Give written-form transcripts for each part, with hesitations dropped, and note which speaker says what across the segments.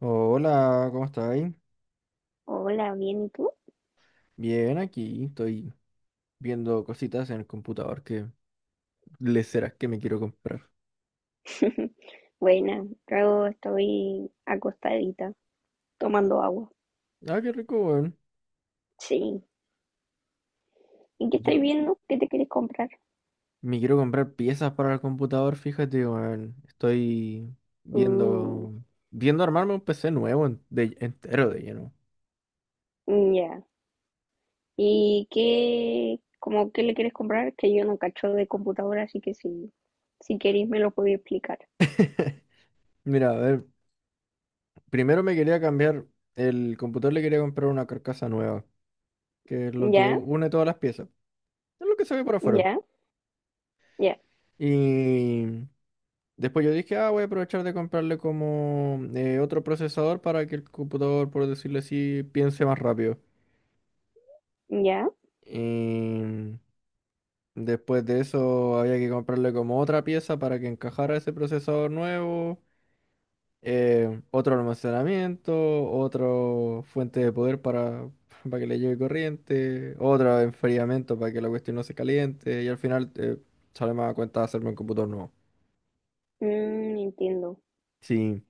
Speaker 1: Oh, hola, ¿cómo estáis?
Speaker 2: Hola, bien, ¿y tú?
Speaker 1: Bien, aquí estoy viendo cositas en el computador que le serás que me quiero comprar.
Speaker 2: Buena, yo estoy acostadita, tomando agua.
Speaker 1: Ah, qué rico, weón.
Speaker 2: Sí. ¿Y qué
Speaker 1: Yo
Speaker 2: estáis viendo? ¿Qué te quieres comprar?
Speaker 1: me quiero comprar piezas para el computador, fíjate, weón. Estoy
Speaker 2: Uh,
Speaker 1: viendo, viendo armarme un PC nuevo entero de lleno.
Speaker 2: ya. ¿Y qué, como qué le quieres comprar? Que yo no cacho de computadora, así que si queréis me lo podéis explicar.
Speaker 1: Mira, a ver, primero me quería cambiar el computador, le quería comprar una carcasa nueva, que es lo que
Speaker 2: ¿Ya?
Speaker 1: une todas las piezas. Es lo que se ve por afuera.
Speaker 2: ¿Ya? ¿Ya?
Speaker 1: Y después yo dije, ah, voy a aprovechar de comprarle como otro procesador para que el computador, por decirlo así, piense más rápido.
Speaker 2: ¿Ya?
Speaker 1: Y después de eso había que comprarle como otra pieza para que encajara ese procesador nuevo, otro almacenamiento, otra fuente de poder para, para que le llegue corriente, otro enfriamiento para que la cuestión no se caliente y al final sale más a cuenta hacerme un computador nuevo.
Speaker 2: Mm, entiendo.
Speaker 1: Sí,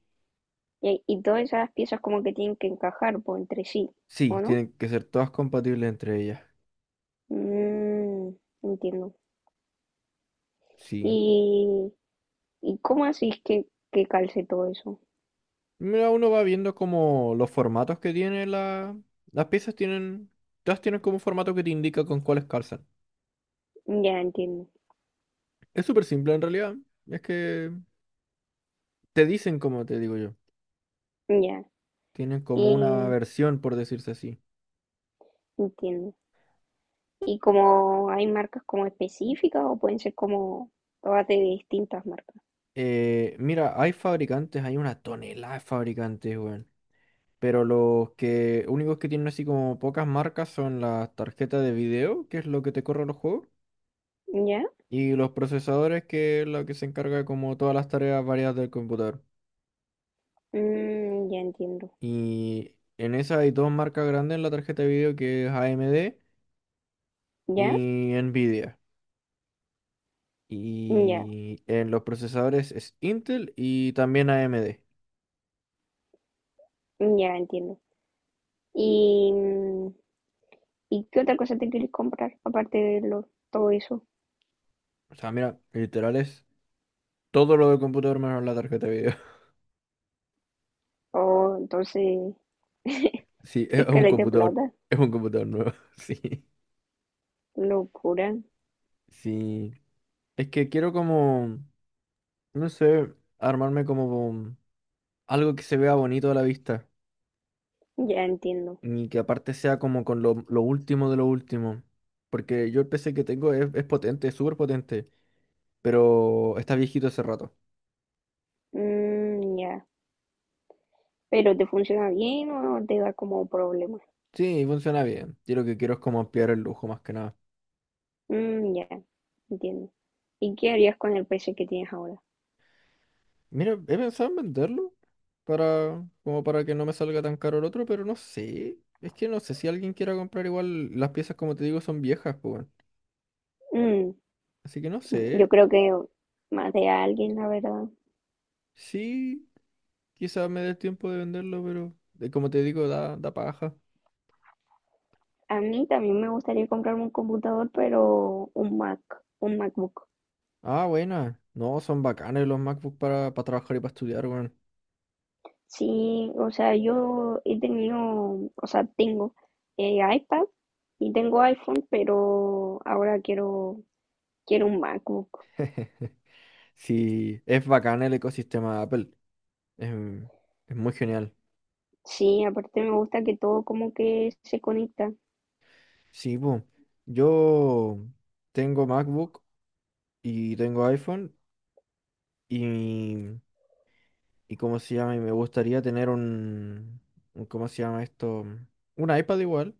Speaker 2: Y todas esas piezas como que tienen que encajar po, entre sí,
Speaker 1: sí,
Speaker 2: ¿o no?
Speaker 1: tienen que ser todas compatibles entre ellas.
Speaker 2: Mm, entiendo.
Speaker 1: Sí.
Speaker 2: ¿Y ¿Y cómo así que calce todo eso?
Speaker 1: Mira, uno va viendo como los formatos que tiene la. Las piezas tienen. Todas tienen como un formato que te indica con cuáles calzan.
Speaker 2: Ya entiendo,
Speaker 1: Es súper simple en realidad. Es que te dicen como te digo yo.
Speaker 2: ya,
Speaker 1: Tienen como una
Speaker 2: y
Speaker 1: versión, por decirse así.
Speaker 2: entiendo. ¿Y como hay marcas como específicas o pueden ser como todas de distintas marcas?
Speaker 1: Mira, hay fabricantes, hay una tonelada de fabricantes, weón. Pero los que únicos que tienen así como pocas marcas son las tarjetas de video, que es lo que te corre los juegos,
Speaker 2: Ya,
Speaker 1: y los procesadores, que es lo que se encarga como todas las tareas variadas del computador.
Speaker 2: mm, ya entiendo,
Speaker 1: Y en esa hay dos marcas grandes en la tarjeta de video que es AMD
Speaker 2: ya,
Speaker 1: y Nvidia.
Speaker 2: ya,
Speaker 1: Y en los procesadores es Intel y también AMD.
Speaker 2: ya entiendo. ¿Y, mm, y qué otra cosa te quieres comprar aparte de lo, todo eso?
Speaker 1: O sea, mira, literal es todo lo del computador menos la tarjeta de video.
Speaker 2: Oh, entonces,
Speaker 1: Sí,
Speaker 2: escaleta de plata,
Speaker 1: es un computador nuevo. Sí,
Speaker 2: locura,
Speaker 1: sí. Es que quiero como, no sé, armarme como algo que se vea bonito a la vista,
Speaker 2: ya entiendo.
Speaker 1: ni que aparte sea como con lo último de lo último. Porque yo el PC que tengo es potente, es súper potente. Pero está viejito hace rato.
Speaker 2: Mm, ya. Pero te funciona bien o no, te da como problemas.
Speaker 1: Sí, funciona bien. Yo lo que quiero es como ampliar el lujo más que nada.
Speaker 2: Mm, ya, entiendo. ¿Y qué harías con el PC que tienes ahora?
Speaker 1: Mira, he pensado en venderlo, para, como para que no me salga tan caro el otro, pero no sé. Es que no sé si alguien quiera comprar igual. Las piezas, como te digo, son viejas, pues, weón.
Speaker 2: Mm,
Speaker 1: Así que no
Speaker 2: yo
Speaker 1: sé.
Speaker 2: creo que más de alguien, la verdad.
Speaker 1: Sí, quizás me dé el tiempo de venderlo, pero como te digo, da paja.
Speaker 2: A mí también me gustaría comprarme un computador, pero un Mac, un MacBook.
Speaker 1: Ah, buena. No, son bacanes los MacBook para trabajar y para estudiar, weón.
Speaker 2: Sí, o sea, yo he tenido, o sea, tengo iPad y tengo iPhone, pero ahora quiero un MacBook.
Speaker 1: Sí, es bacán el ecosistema de Apple. Es, es muy genial.
Speaker 2: Sí, aparte me gusta que todo como que se conecta.
Speaker 1: Sí, po. Yo tengo MacBook y tengo iPhone y, y ¿cómo se llama? Y me gustaría tener ¿cómo se llama esto? Un iPad igual,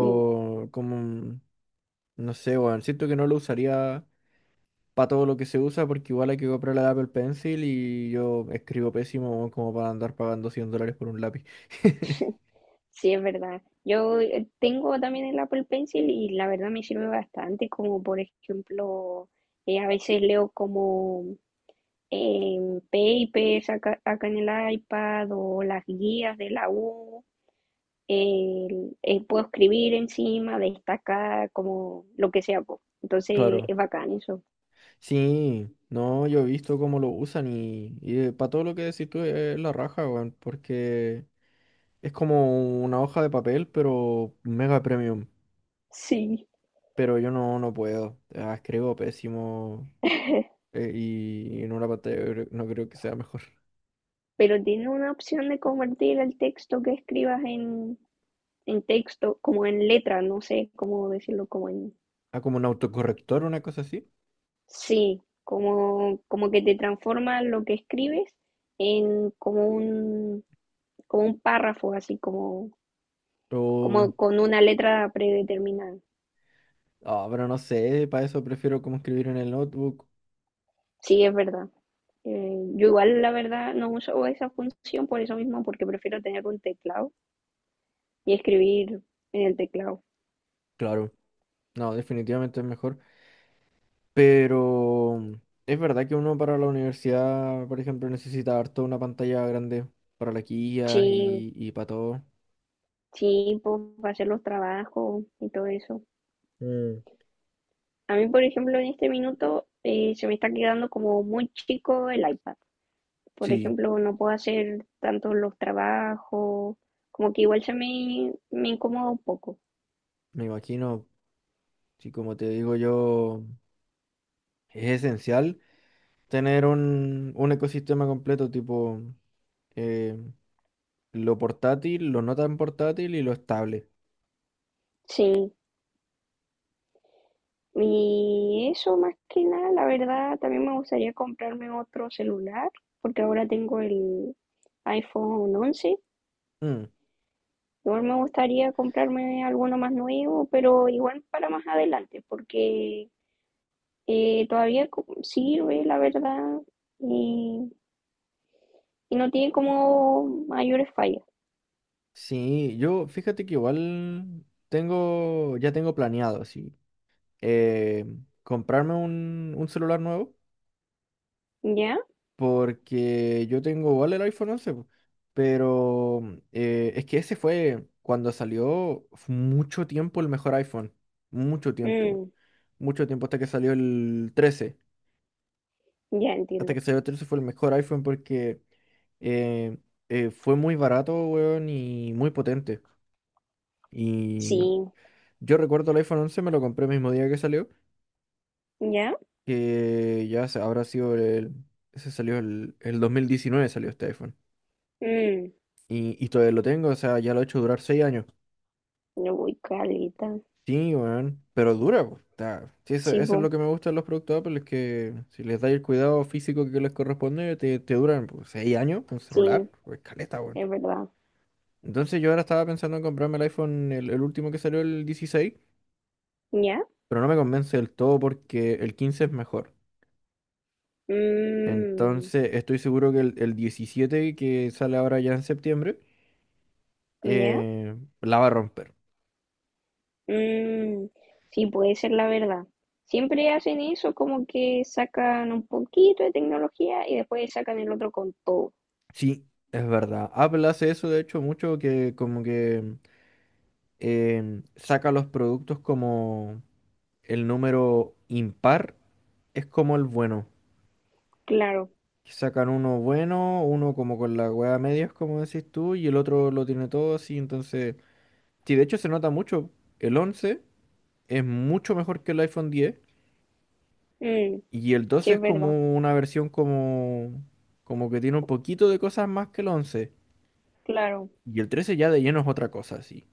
Speaker 2: Mm,
Speaker 1: como, no sé, weón. Siento que no lo usaría para todo lo que se usa, porque igual hay que comprar la Apple Pencil y yo escribo pésimo weón, como para andar pagando 100 dólares por un lápiz.
Speaker 2: sí, es verdad. Yo tengo también el Apple Pencil y la verdad me sirve bastante, como por ejemplo, a veces leo como papers acá en el iPad o las guías de la U. Puedo escribir encima, destacar, como lo que sea, po. Entonces
Speaker 1: Claro,
Speaker 2: es bacán eso.
Speaker 1: sí, no, yo he visto cómo lo usan y para todo lo que decís tú es la raja, weón, porque es como una hoja de papel, pero mega premium.
Speaker 2: Sí.
Speaker 1: Pero yo no, no puedo, escribo pésimo, y en una pantalla yo no creo que sea mejor.
Speaker 2: Pero tiene una opción de convertir el texto que escribas en texto, como en letra, no sé cómo decirlo, como en
Speaker 1: Ah, como un autocorrector, una cosa así.
Speaker 2: sí, como, como que te transforma lo que escribes en como un párrafo, así como,
Speaker 1: O
Speaker 2: como con una letra predeterminada.
Speaker 1: Ah, pero no sé, para eso prefiero como escribir en el notebook.
Speaker 2: Sí, es verdad. Yo igual, la verdad, no uso esa función por eso mismo, porque prefiero tener un teclado y escribir en el teclado.
Speaker 1: Claro, no, definitivamente es mejor. Pero es verdad que uno para la universidad, por ejemplo, necesita harto una pantalla grande para las guías
Speaker 2: Sí,
Speaker 1: y para todo.
Speaker 2: sí, pues hacer los trabajos y todo eso.
Speaker 1: Mm,
Speaker 2: A mí, por ejemplo, en este minuto se me está quedando como muy chico el iPad. Por
Speaker 1: sí,
Speaker 2: ejemplo, no puedo hacer tanto los trabajos, como que igual se me, me incomoda un poco.
Speaker 1: me imagino, sí, como te digo yo, es esencial tener un ecosistema completo, tipo eh, lo portátil, lo no tan portátil y lo estable.
Speaker 2: Sí, y eso más que nada, la verdad, también me gustaría comprarme otro celular, porque ahora tengo el iPhone once.
Speaker 1: Mm.
Speaker 2: Igual me gustaría comprarme alguno más nuevo, pero igual para más adelante, porque todavía sirve, la verdad, y, y no tiene como mayores fallas.
Speaker 1: Sí, yo fíjate que igual tengo, ya tengo planeado, sí, eh, comprarme un celular nuevo
Speaker 2: ¿Ya?
Speaker 1: porque yo tengo igual el iPhone 11 po, pero es que ese fue cuando salió fue mucho tiempo el mejor iPhone, mucho tiempo,
Speaker 2: Mm,
Speaker 1: mucho tiempo hasta que salió el 13
Speaker 2: ya
Speaker 1: hasta
Speaker 2: entiendo.
Speaker 1: que salió el 13 fue el mejor iPhone porque eh, fue muy barato, weón, y muy potente. Y
Speaker 2: Sí,
Speaker 1: Yo recuerdo el iPhone 11, me lo compré el mismo día que salió,
Speaker 2: ¿ya?
Speaker 1: que ya habrá sido el. Ese salió el 2019, salió este iPhone.
Speaker 2: Mm,
Speaker 1: Y todavía lo tengo, o sea, ya lo he hecho durar 6 años.
Speaker 2: yo voy caleta.
Speaker 1: Sí, weón, pero dura, pues. Sí, eso,
Speaker 2: Sí,
Speaker 1: eso
Speaker 2: po,
Speaker 1: es lo que me gusta de los productos Apple, es que si les dais el cuidado físico que les corresponde, te duran pues, 6 años un celular,
Speaker 2: sí,
Speaker 1: pues caleta, weón.
Speaker 2: es verdad.
Speaker 1: Entonces yo ahora estaba pensando en comprarme el iPhone, el último que salió, el 16,
Speaker 2: ¿Ya?
Speaker 1: pero no me convence del todo porque el 15 es mejor.
Speaker 2: Mm,
Speaker 1: Entonces, estoy seguro que el 17 que sale ahora ya en septiembre,
Speaker 2: ¿ya?
Speaker 1: eh, la va a romper.
Speaker 2: Mm, sí, puede ser la verdad. Siempre hacen eso, como que sacan un poquito de tecnología y después sacan el otro con todo.
Speaker 1: Sí, es verdad. Apple hace eso, de hecho, mucho que como que saca los productos como el número impar es como el bueno.
Speaker 2: Claro.
Speaker 1: Que Sacan uno bueno, uno como con la hueá a medias, como decís tú, y el otro lo tiene todo así. Entonces, sí, de hecho se nota mucho. El 11 es mucho mejor que el iPhone 10.
Speaker 2: Mm,
Speaker 1: Y el
Speaker 2: sí,
Speaker 1: 12 es
Speaker 2: es verdad.
Speaker 1: como una versión como que tiene un poquito de cosas más que el 11.
Speaker 2: Claro.
Speaker 1: Y el 13 ya de lleno es otra cosa, así.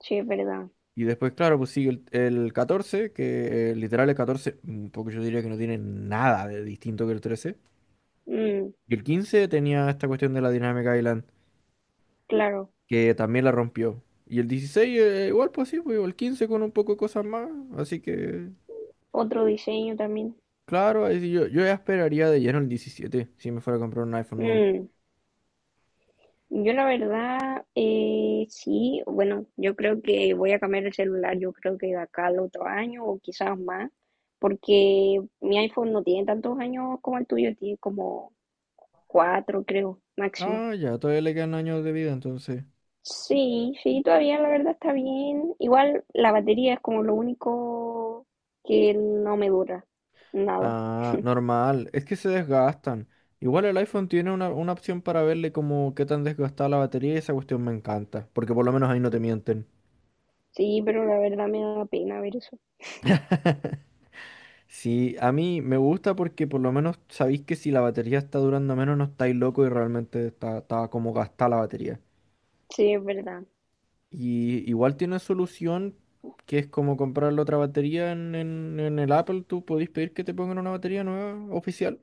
Speaker 2: Sí, es verdad.
Speaker 1: Y después, claro, pues sigue el 14, que literal el 14 porque yo diría que no tiene nada de distinto que el 13.
Speaker 2: Mm,
Speaker 1: Y el 15 tenía esta cuestión de la Dynamic Island,
Speaker 2: claro.
Speaker 1: que también la rompió. Y el 16 igual pues sí, pues, el 15 con un poco de cosas más. Así que,
Speaker 2: Otro diseño también.
Speaker 1: claro, ahí sí yo ya esperaría de lleno el 17 si me fuera a comprar un iPhone nuevo.
Speaker 2: Mm. Yo la verdad, sí, bueno, yo creo que voy a cambiar el celular, yo creo que de acá al otro año o quizás más, porque mi iPhone no tiene tantos años como el tuyo, tiene como cuatro, creo, máximo.
Speaker 1: Ah, ya, todavía le quedan años de vida entonces.
Speaker 2: Sí, sí, todavía la verdad está bien. Igual la batería es como lo único que no me dura, nada.
Speaker 1: Ah, normal. Es que se desgastan. Igual el iPhone tiene una opción para verle como qué tan desgastada la batería y esa cuestión me encanta, porque por lo menos ahí no te mienten.
Speaker 2: Sí, pero la verdad me da pena ver eso.
Speaker 1: Sí, a mí me gusta porque por lo menos sabéis que si la batería está durando menos no estáis loco y realmente está como gastada la batería.
Speaker 2: Sí, es verdad.
Speaker 1: Y igual tiene solución que es como comprar la otra batería en el Apple, tú podéis pedir que te pongan una batería nueva oficial.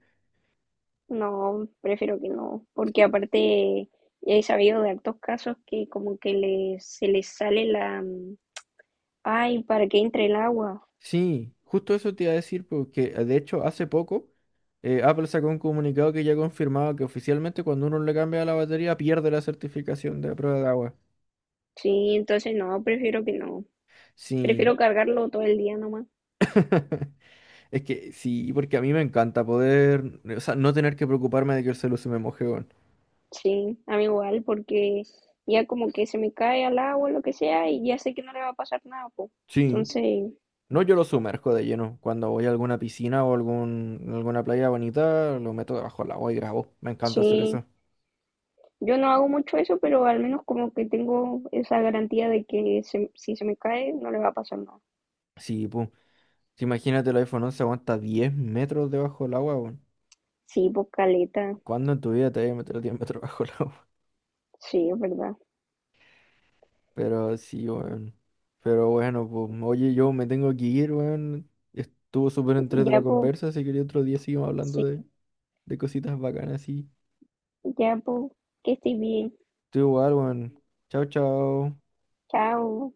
Speaker 2: No, prefiero que no, porque aparte he sabido de hartos casos que como que les, se les sale la... mm, ay, para que entre el agua.
Speaker 1: Sí, justo eso te iba a decir, porque de hecho hace poco Apple sacó un comunicado que ya confirmaba que oficialmente cuando uno le cambia la batería pierde la certificación de prueba de agua.
Speaker 2: Sí, entonces no, prefiero que no.
Speaker 1: Sí,
Speaker 2: Prefiero cargarlo todo el día nomás.
Speaker 1: es que sí, porque a mí me encanta poder, o sea, no tener que preocuparme de que el celular se me moje, weón.
Speaker 2: Sí, a mí igual, porque ya como que se me cae al agua, lo que sea, y ya sé que no le va a pasar nada, po.
Speaker 1: Sí,
Speaker 2: Entonces,
Speaker 1: no, yo lo sumerjo de lleno. Cuando voy a alguna piscina o algún, alguna playa bonita, lo meto debajo del agua y grabo. Me encanta hacer
Speaker 2: sí,
Speaker 1: eso.
Speaker 2: yo no hago mucho eso, pero al menos como que tengo esa garantía de que si se me cae, no le va a pasar nada.
Speaker 1: Sí, pum. Imagínate el iPhone 11 aguanta 10 metros debajo del agua, weón.
Speaker 2: Sí, pues caleta.
Speaker 1: ¿Cuándo en tu vida te hayas metido el diámetro bajo el agua?
Speaker 2: Sí, es verdad.
Speaker 1: Pero sí, weón. Pero bueno, pues, oye, yo me tengo que ir, weón. Estuvo súper entrete la
Speaker 2: Ya, pues,
Speaker 1: conversa. Si quería otro día seguimos hablando
Speaker 2: sí,
Speaker 1: de cositas bacanas, sí.
Speaker 2: ya, pues, que estés bien.
Speaker 1: Tú igual, weón. Chao, chao.
Speaker 2: Chao.